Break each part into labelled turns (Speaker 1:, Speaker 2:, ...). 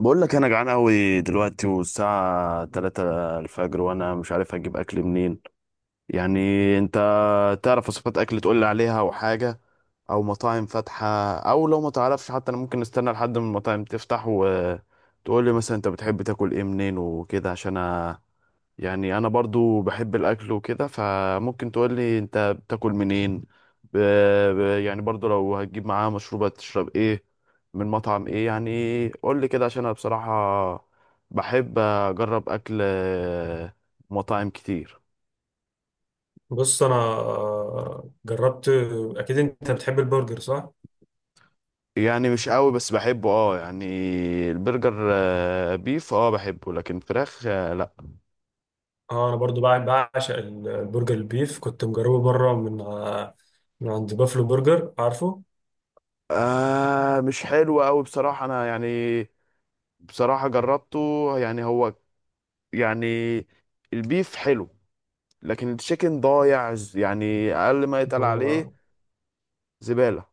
Speaker 1: بقول لك انا جعان قوي دلوقتي، والساعه 3 الفجر، وانا مش عارف اجيب اكل منين يعني. انت تعرف وصفات اكل تقول لي عليها او حاجه، او مطاعم فاتحه؟ او لو ما تعرفش، حتى انا ممكن نستنى لحد ما المطاعم تفتح وتقول لي مثلا انت بتحب تاكل ايه منين وكده، عشان يعني انا برضو بحب الاكل وكده، فممكن تقولي انت بتاكل منين. ب... ب... يعني برضو لو هتجيب معاه مشروبات تشرب ايه، من مطعم ايه، يعني قولي كده عشان انا بصراحة بحب اجرب اكل مطاعم كتير.
Speaker 2: بص انا جربت. اكيد انت بتحب البرجر، صح؟
Speaker 1: يعني مش قوي بس بحبه اه يعني. البرجر بيف اه بحبه، لكن فراخ لا.
Speaker 2: اه، انا برضو بعشق البرجر البيف. كنت مجربه بره من عند بافلو برجر، عارفه؟
Speaker 1: آه مش حلو قوي بصراحة انا يعني، بصراحة جربته، يعني هو يعني، البيف حلو، لكن التشيكن ضايع يعني اقل ما يتقال
Speaker 2: ما انا
Speaker 1: عليه زبالة.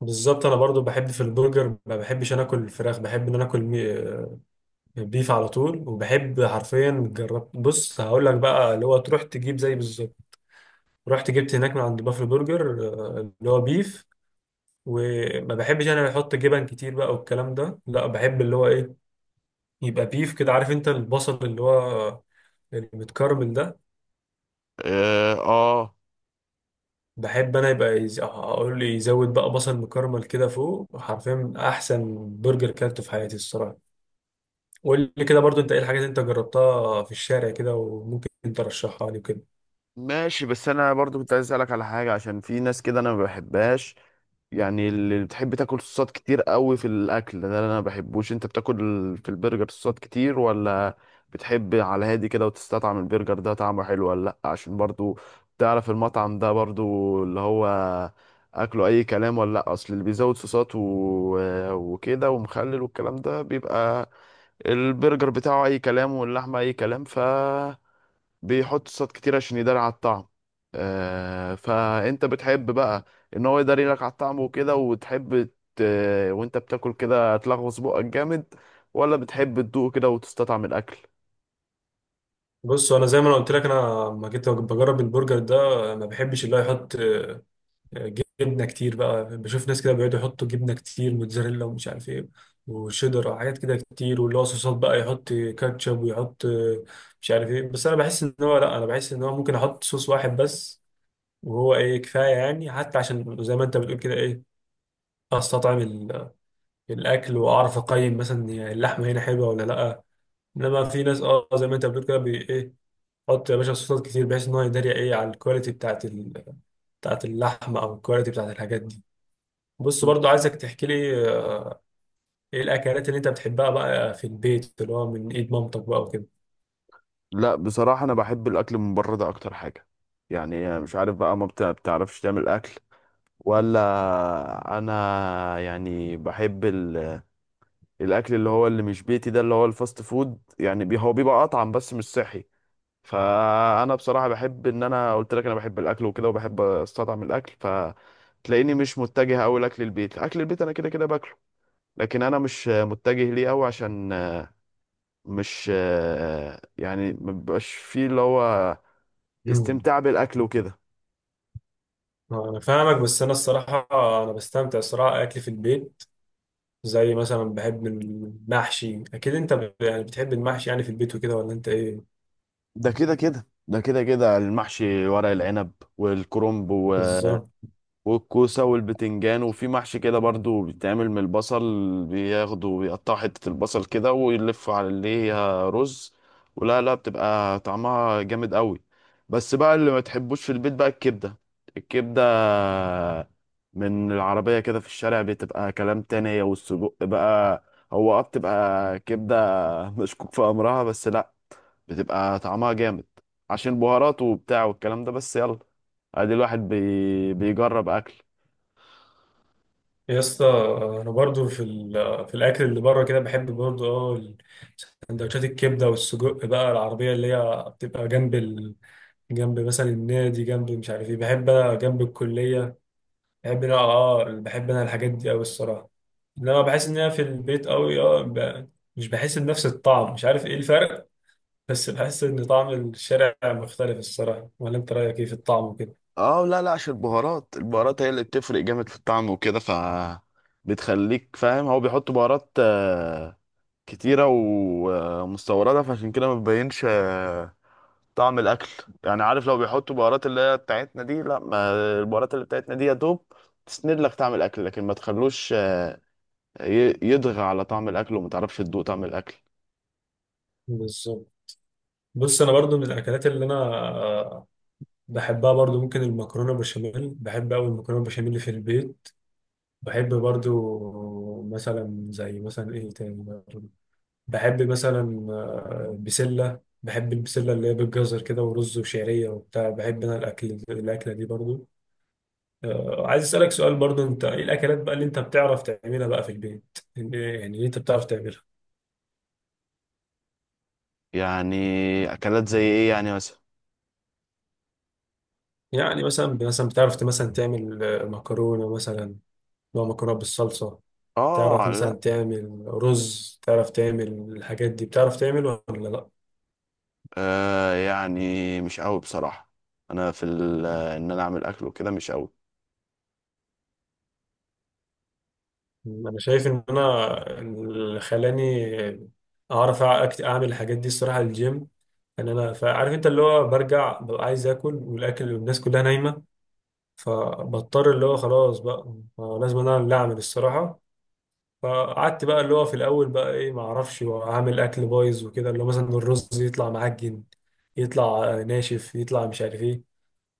Speaker 2: بالظبط. انا برضو بحب في البرجر، ما بحبش انا اكل الفراخ. بحب ان انا اكل بيف على طول، وبحب حرفيا جربت. بص هقول لك بقى، اللي هو تروح تجيب زي بالظبط. رحت جبت هناك من عند بافلو برجر اللي هو بيف. وما بحبش انا بحط جبن كتير بقى والكلام ده، لا. بحب اللي هو ايه؟ يبقى بيف كده، عارف انت؟ البصل اللي هو المتكرمل ده،
Speaker 1: اه
Speaker 2: بحب انا. يبقى اقول لي يزود بقى بصل مكرمل كده فوق. حرفيا احسن برجر كلته في حياتي الصراحه. قول لي كده برضو، انت ايه الحاجات اللي انت جربتها في الشارع كده وممكن انت ترشحها لي كده؟
Speaker 1: ماشي. بس انا برضو كنت عايز اسالك على حاجة، عشان في ناس كده انا ما بحبهاش، يعني اللي بتحب تاكل صوصات كتير قوي في الاكل ده اللي انا ما بحبوش. انت بتاكل في البرجر صوصات كتير ولا بتحب على هادي كده وتستطعم البرجر، ده طعمه حلو ولا لا؟ عشان برضو تعرف المطعم ده برضو اللي هو اكله اي كلام ولا لا؟ اصل اللي بيزود صوصات وكده ومخلل والكلام ده، بيبقى البرجر بتاعه اي كلام واللحمه اي كلام، ف بيحط صوصات كتير عشان يداري على الطعم. آه فانت بتحب بقى ان هو يداري لك على الطعم وكده، وتحب ت... وانت بتاكل كده تلغوص بقك جامد، ولا بتحب تدوق كده وتستطعم الاكل؟
Speaker 2: بص انا زي ما انا قلت لك، انا لما جيت بجرب البرجر ده ما بحبش اللي هو يحط جبنه كتير بقى. بشوف ناس كده بيقعدوا يحطوا جبنه كتير، موتزاريلا ومش عارف ايه وشيدر، حاجات كده كتير. واللي هو صوصات بقى، يحط كاتشب ويحط مش عارف ايه. بس انا بحس ان هو، لا، انا بحس ان هو ممكن احط صوص واحد بس وهو ايه كفايه. يعني حتى عشان زي ما انت بتقول كده، ايه، استطعم الاكل واعرف اقيم مثلا، يعني اللحمه هنا حلوه ولا لا. انما في ناس، اه، زي ما انت بتقول كده، بي ايه، حط يا باشا صوصات كتير بحيث ان هو يداري ايه على الكواليتي بتاعت بتاعت اللحمه، او الكواليتي بتاعت الحاجات دي. بص برضو عايزك تحكي لي، ايه الاكلات اللي انت بتحبها بقى في البيت، اللي هو من ايد مامتك بقى وكده.
Speaker 1: لا بصراحة أنا بحب الأكل من بره ده أكتر حاجة. يعني مش عارف بقى، ما بتعرفش تعمل أكل ولا؟ أنا يعني بحب الأكل اللي هو اللي مش بيتي، ده اللي هو الفاست فود. يعني هو بيبقى أطعم بس مش صحي. فانا بصراحه بحب، ان انا قلت لك، انا بحب الاكل وكده، وبحب استطعم الاكل، فتلاقيني مش متجه قوي لاكل البيت. اكل البيت انا كده كده باكله، لكن انا مش متجه ليه قوي عشان مش، يعني ما بيبقاش فيه اللي هو
Speaker 2: مم.
Speaker 1: استمتاع بالاكل وكده.
Speaker 2: انا فاهمك، بس انا الصراحه انا بستمتع الصراحه اكل في البيت. زي مثلا بحب المحشي، اكيد انت يعني بتحب المحشي يعني في البيت وكده، ولا انت ايه؟
Speaker 1: ده كده كده ده كده كده المحشي، ورق العنب والكرنب
Speaker 2: بالظبط.
Speaker 1: والكوسة والبتنجان، وفي محشي كده برضو بيتعمل من البصل، بياخدوا بيقطعوا حتة البصل كده ويلفوا على اللي هي رز، ولا لا، بتبقى طعمها جامد قوي. بس بقى اللي ما تحبوش في البيت بقى الكبدة. الكبدة من العربية كده في الشارع بتبقى كلام تاني، هي والسجق بقى. هو اه بتبقى كبدة مشكوك في أمرها، بس لا بتبقى طعمها جامد، عشان بهاراته وبتاع والكلام ده. بس يلا، ادي الواحد بيجرب اكل.
Speaker 2: يا اسطى، انا برضو في الاكل اللي بره كده بحب برضو، اه، سندوتشات الكبده والسجق بقى، العربيه اللي هي بتبقى جنب جنب مثلا النادي، جنب مش عارف ايه، بحب جنب الكليه. بحب انا الحاجات دي قوي الصراحه. انما بحس ان انا في البيت قوي، مش بحس بنفس الطعم، مش عارف ايه الفرق. بس بحس ان طعم الشارع مختلف الصراحه. ولا انت رايك ايه في الطعم وكده؟
Speaker 1: اه لا لا، عشان البهارات، هي اللي بتفرق جامد في الطعم وكده، ف بتخليك فاهم هو بيحط بهارات كتيرة ومستوردة، فعشان كده ما بيبينش طعم الأكل. يعني عارف، لو بيحطوا بهارات اللي هي بتاعتنا دي، لا، ما البهارات اللي بتاعتنا دي يا دوب تسند لك طعم الأكل، لكن ما تخلوش يضغى على طعم الأكل وما تعرفش تدوق طعم الأكل.
Speaker 2: بالظبط. بص انا برضو من الاكلات اللي انا بحبها برضو، ممكن المكرونه بشاميل. بحب قوي المكرونه بشاميل في البيت. بحب برضو مثلا، زي مثلا ايه تاني، بحب مثلا بسلة. بحب البسلة اللي هي بالجزر كده ورز وشعرية وبتاع. بحب أنا الأكل، الأكلة دي برضو. عايز أسألك سؤال برضو، أنت إيه الأكلات بقى اللي أنت بتعرف تعملها بقى في البيت؟ يعني اللي أنت بتعرف تعملها.
Speaker 1: يعني أكلات زي إيه يعني مثلا؟
Speaker 2: يعني مثلا بتعرف مثلا تعمل مكرونة مثلا، نوع مكرونة بالصلصة؟ تعرف
Speaker 1: اه لا.
Speaker 2: مثلا تعمل رز، تعرف تعمل الحاجات دي؟ بتعرف تعمل ولا لأ؟
Speaker 1: آه يعني مش قوي بصراحة. انا في ان انا اعمل اكل وكده مش قوي.
Speaker 2: انا شايف ان انا اللي خلاني اعرف اعمل الحاجات دي الصراحه الجيم. ان انا، فعارف انت اللي هو برجع ببقى عايز اكل، والاكل والناس كلها نايمه، فبضطر اللي هو خلاص بقى لازم انا اللي اعمل الصراحه. فقعدت بقى اللي هو في الاول بقى ايه، ما اعرفش اعمل اكل، بايظ وكده، اللي هو مثلا الرز يطلع معجن، يطلع ناشف، يطلع مش عارف ايه.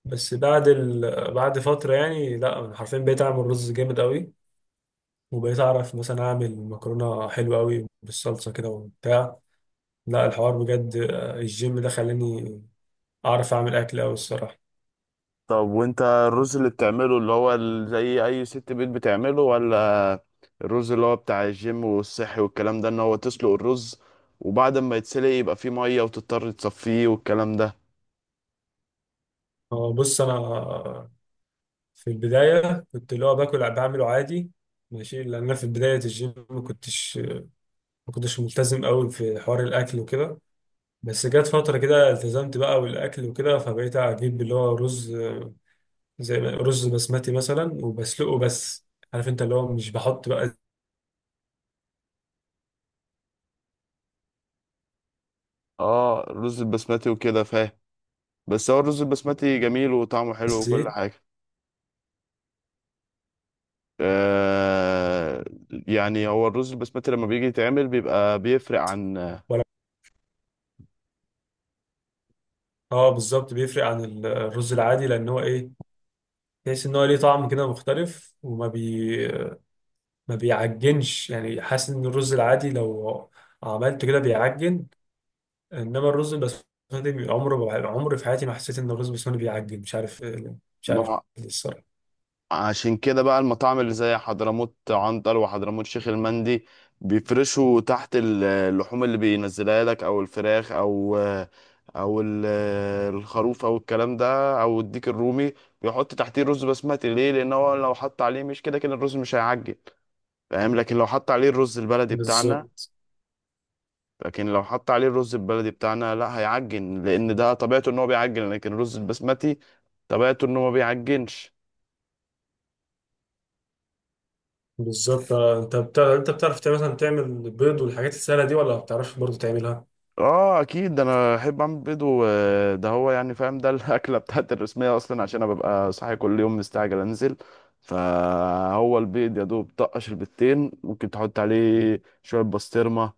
Speaker 2: بس بعد فتره يعني، لا، انا حرفيا بقيت اعمل رز جامد قوي، وبقيت اعرف مثلا اعمل مكرونه حلوه قوي بالصلصه كده وبتاع. لا، الحوار بجد الجيم ده خلاني اعرف اعمل اكل قوي الصراحه.
Speaker 1: طب وانت الرز اللي بتعمله اللي هو زي اي ست بيت بتعمله، ولا الرز اللي هو بتاع الجيم والصحي والكلام ده، ان هو تسلق الرز، وبعد ما يتسلق يبقى فيه مية وتضطر تصفيه والكلام ده؟
Speaker 2: بص انا في البدايه كنت اللي هو باكل بعمله عادي ماشي، لان أنا في بدايه الجيم ما كنتش ملتزم قوي في حوار الاكل وكده. بس جت فتره كده التزمت بقى والاكل وكده، فبقيت اجيب اللي هو رز، زي رز بسمتي مثلا وبسلقه بس. عارف انت اللي هو مش بحط بقى
Speaker 1: اه الرز البسمتي وكده، فاهم. بس هو الرز البسمتي جميل وطعمه حلو وكل
Speaker 2: زيت.
Speaker 1: حاجة. آه يعني هو الرز البسمتي لما بيجي يتعمل بيبقى بيفرق عن.
Speaker 2: اه بالظبط، بيفرق عن الرز العادي لان هو ايه، تحس ان هو ليه طعم كده مختلف، وما بي ما بيعجنش يعني. حاسس ان الرز العادي لو عملته كده بيعجن، انما الرز البسمتي عمره عمري في حياتي ما حسيت ان الرز البسمتي بيعجن. مش عارف، مش عارف ليه الصراحه.
Speaker 1: عشان كده بقى المطاعم اللي زي حضرموت عنتر وحضرموت شيخ المندي، بيفرشوا تحت اللحوم اللي بينزلها لك، او الفراخ، او او الخروف، او الكلام ده، او الديك الرومي، بيحط تحتيه رز بسمتي. ليه؟ لان هو لو حط عليه، مش كده كده الرز مش هيعجن؟ فاهم، لكن لو حط عليه الرز البلدي بتاعنا.
Speaker 2: بالظبط،
Speaker 1: لكن لو حط عليه الرز البلدي بتاعنا لا هيعجن، لان ده طبيعته ان هو بيعجن، لكن الرز البسمتي طبيعته ان هو ما بيعجنش.
Speaker 2: بالظبط انت بتعرف، مثلا تعمل بيض والحاجات السهله دي، ولا ما بتعرفش برضه تعملها؟
Speaker 1: اه اكيد، ده انا احب اعمل بيض، وده هو يعني فاهم ده الاكله بتاعت الرسميه اصلا، عشان انا ببقى صاحي كل يوم مستعجل انزل. فهو البيض يا دوب طقش البيضتين، ممكن تحط عليه شويه بسطرمه،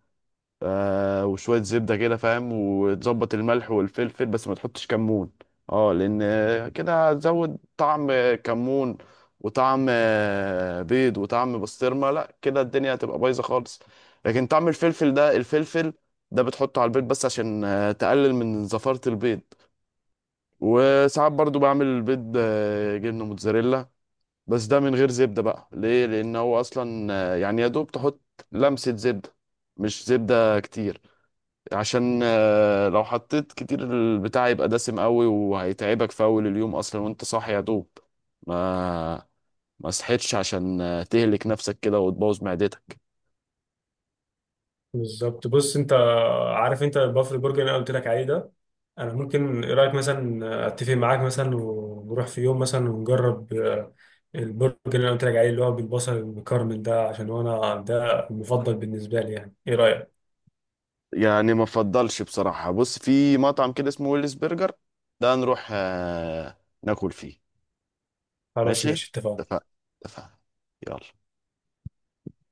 Speaker 1: آه وشوية زبدة كده، فاهم، وتظبط الملح والفلفل، بس ما تحطش كمون. اه لأن كده هتزود طعم كمون، وطعم بيض، وطعم بسطرمة، لا كده الدنيا هتبقى بايظة خالص. لكن طعم الفلفل ده، الفلفل ده بتحطه على البيض بس عشان تقلل من زفارة البيض. وساعات برضو بعمل البيض جبنة موتزاريلا، بس ده من غير زبدة بقى. ليه؟ لأن هو أصلا يعني يا دوب تحط لمسة زبدة، مش زبدة كتير، عشان لو حطيت كتير البتاع يبقى دسم قوي وهيتعبك في اول اليوم اصلا، وانت صاحي يا دوب ما ما صحيتش، عشان تهلك نفسك كده وتبوظ معدتك.
Speaker 2: بالظبط. بص انت عارف انت البافل برجر اللي انا قلت لك عليه ده، انا ممكن، ايه رايك مثلا، اتفق معاك مثلا ونروح في يوم مثلا ونجرب البرجر اللي انا قلت لك عليه، اللي هو بالبصل المكرمل ده، عشان هو انا ده المفضل بالنسبه لي. يعني ايه رايك؟
Speaker 1: يعني ما افضلش بصراحة. بص في مطعم كده اسمه ويلز برجر، ده نروح ناكل فيه.
Speaker 2: خلاص
Speaker 1: ماشي،
Speaker 2: ماشي اتفقنا.
Speaker 1: اتفقنا. اتفقنا. يلا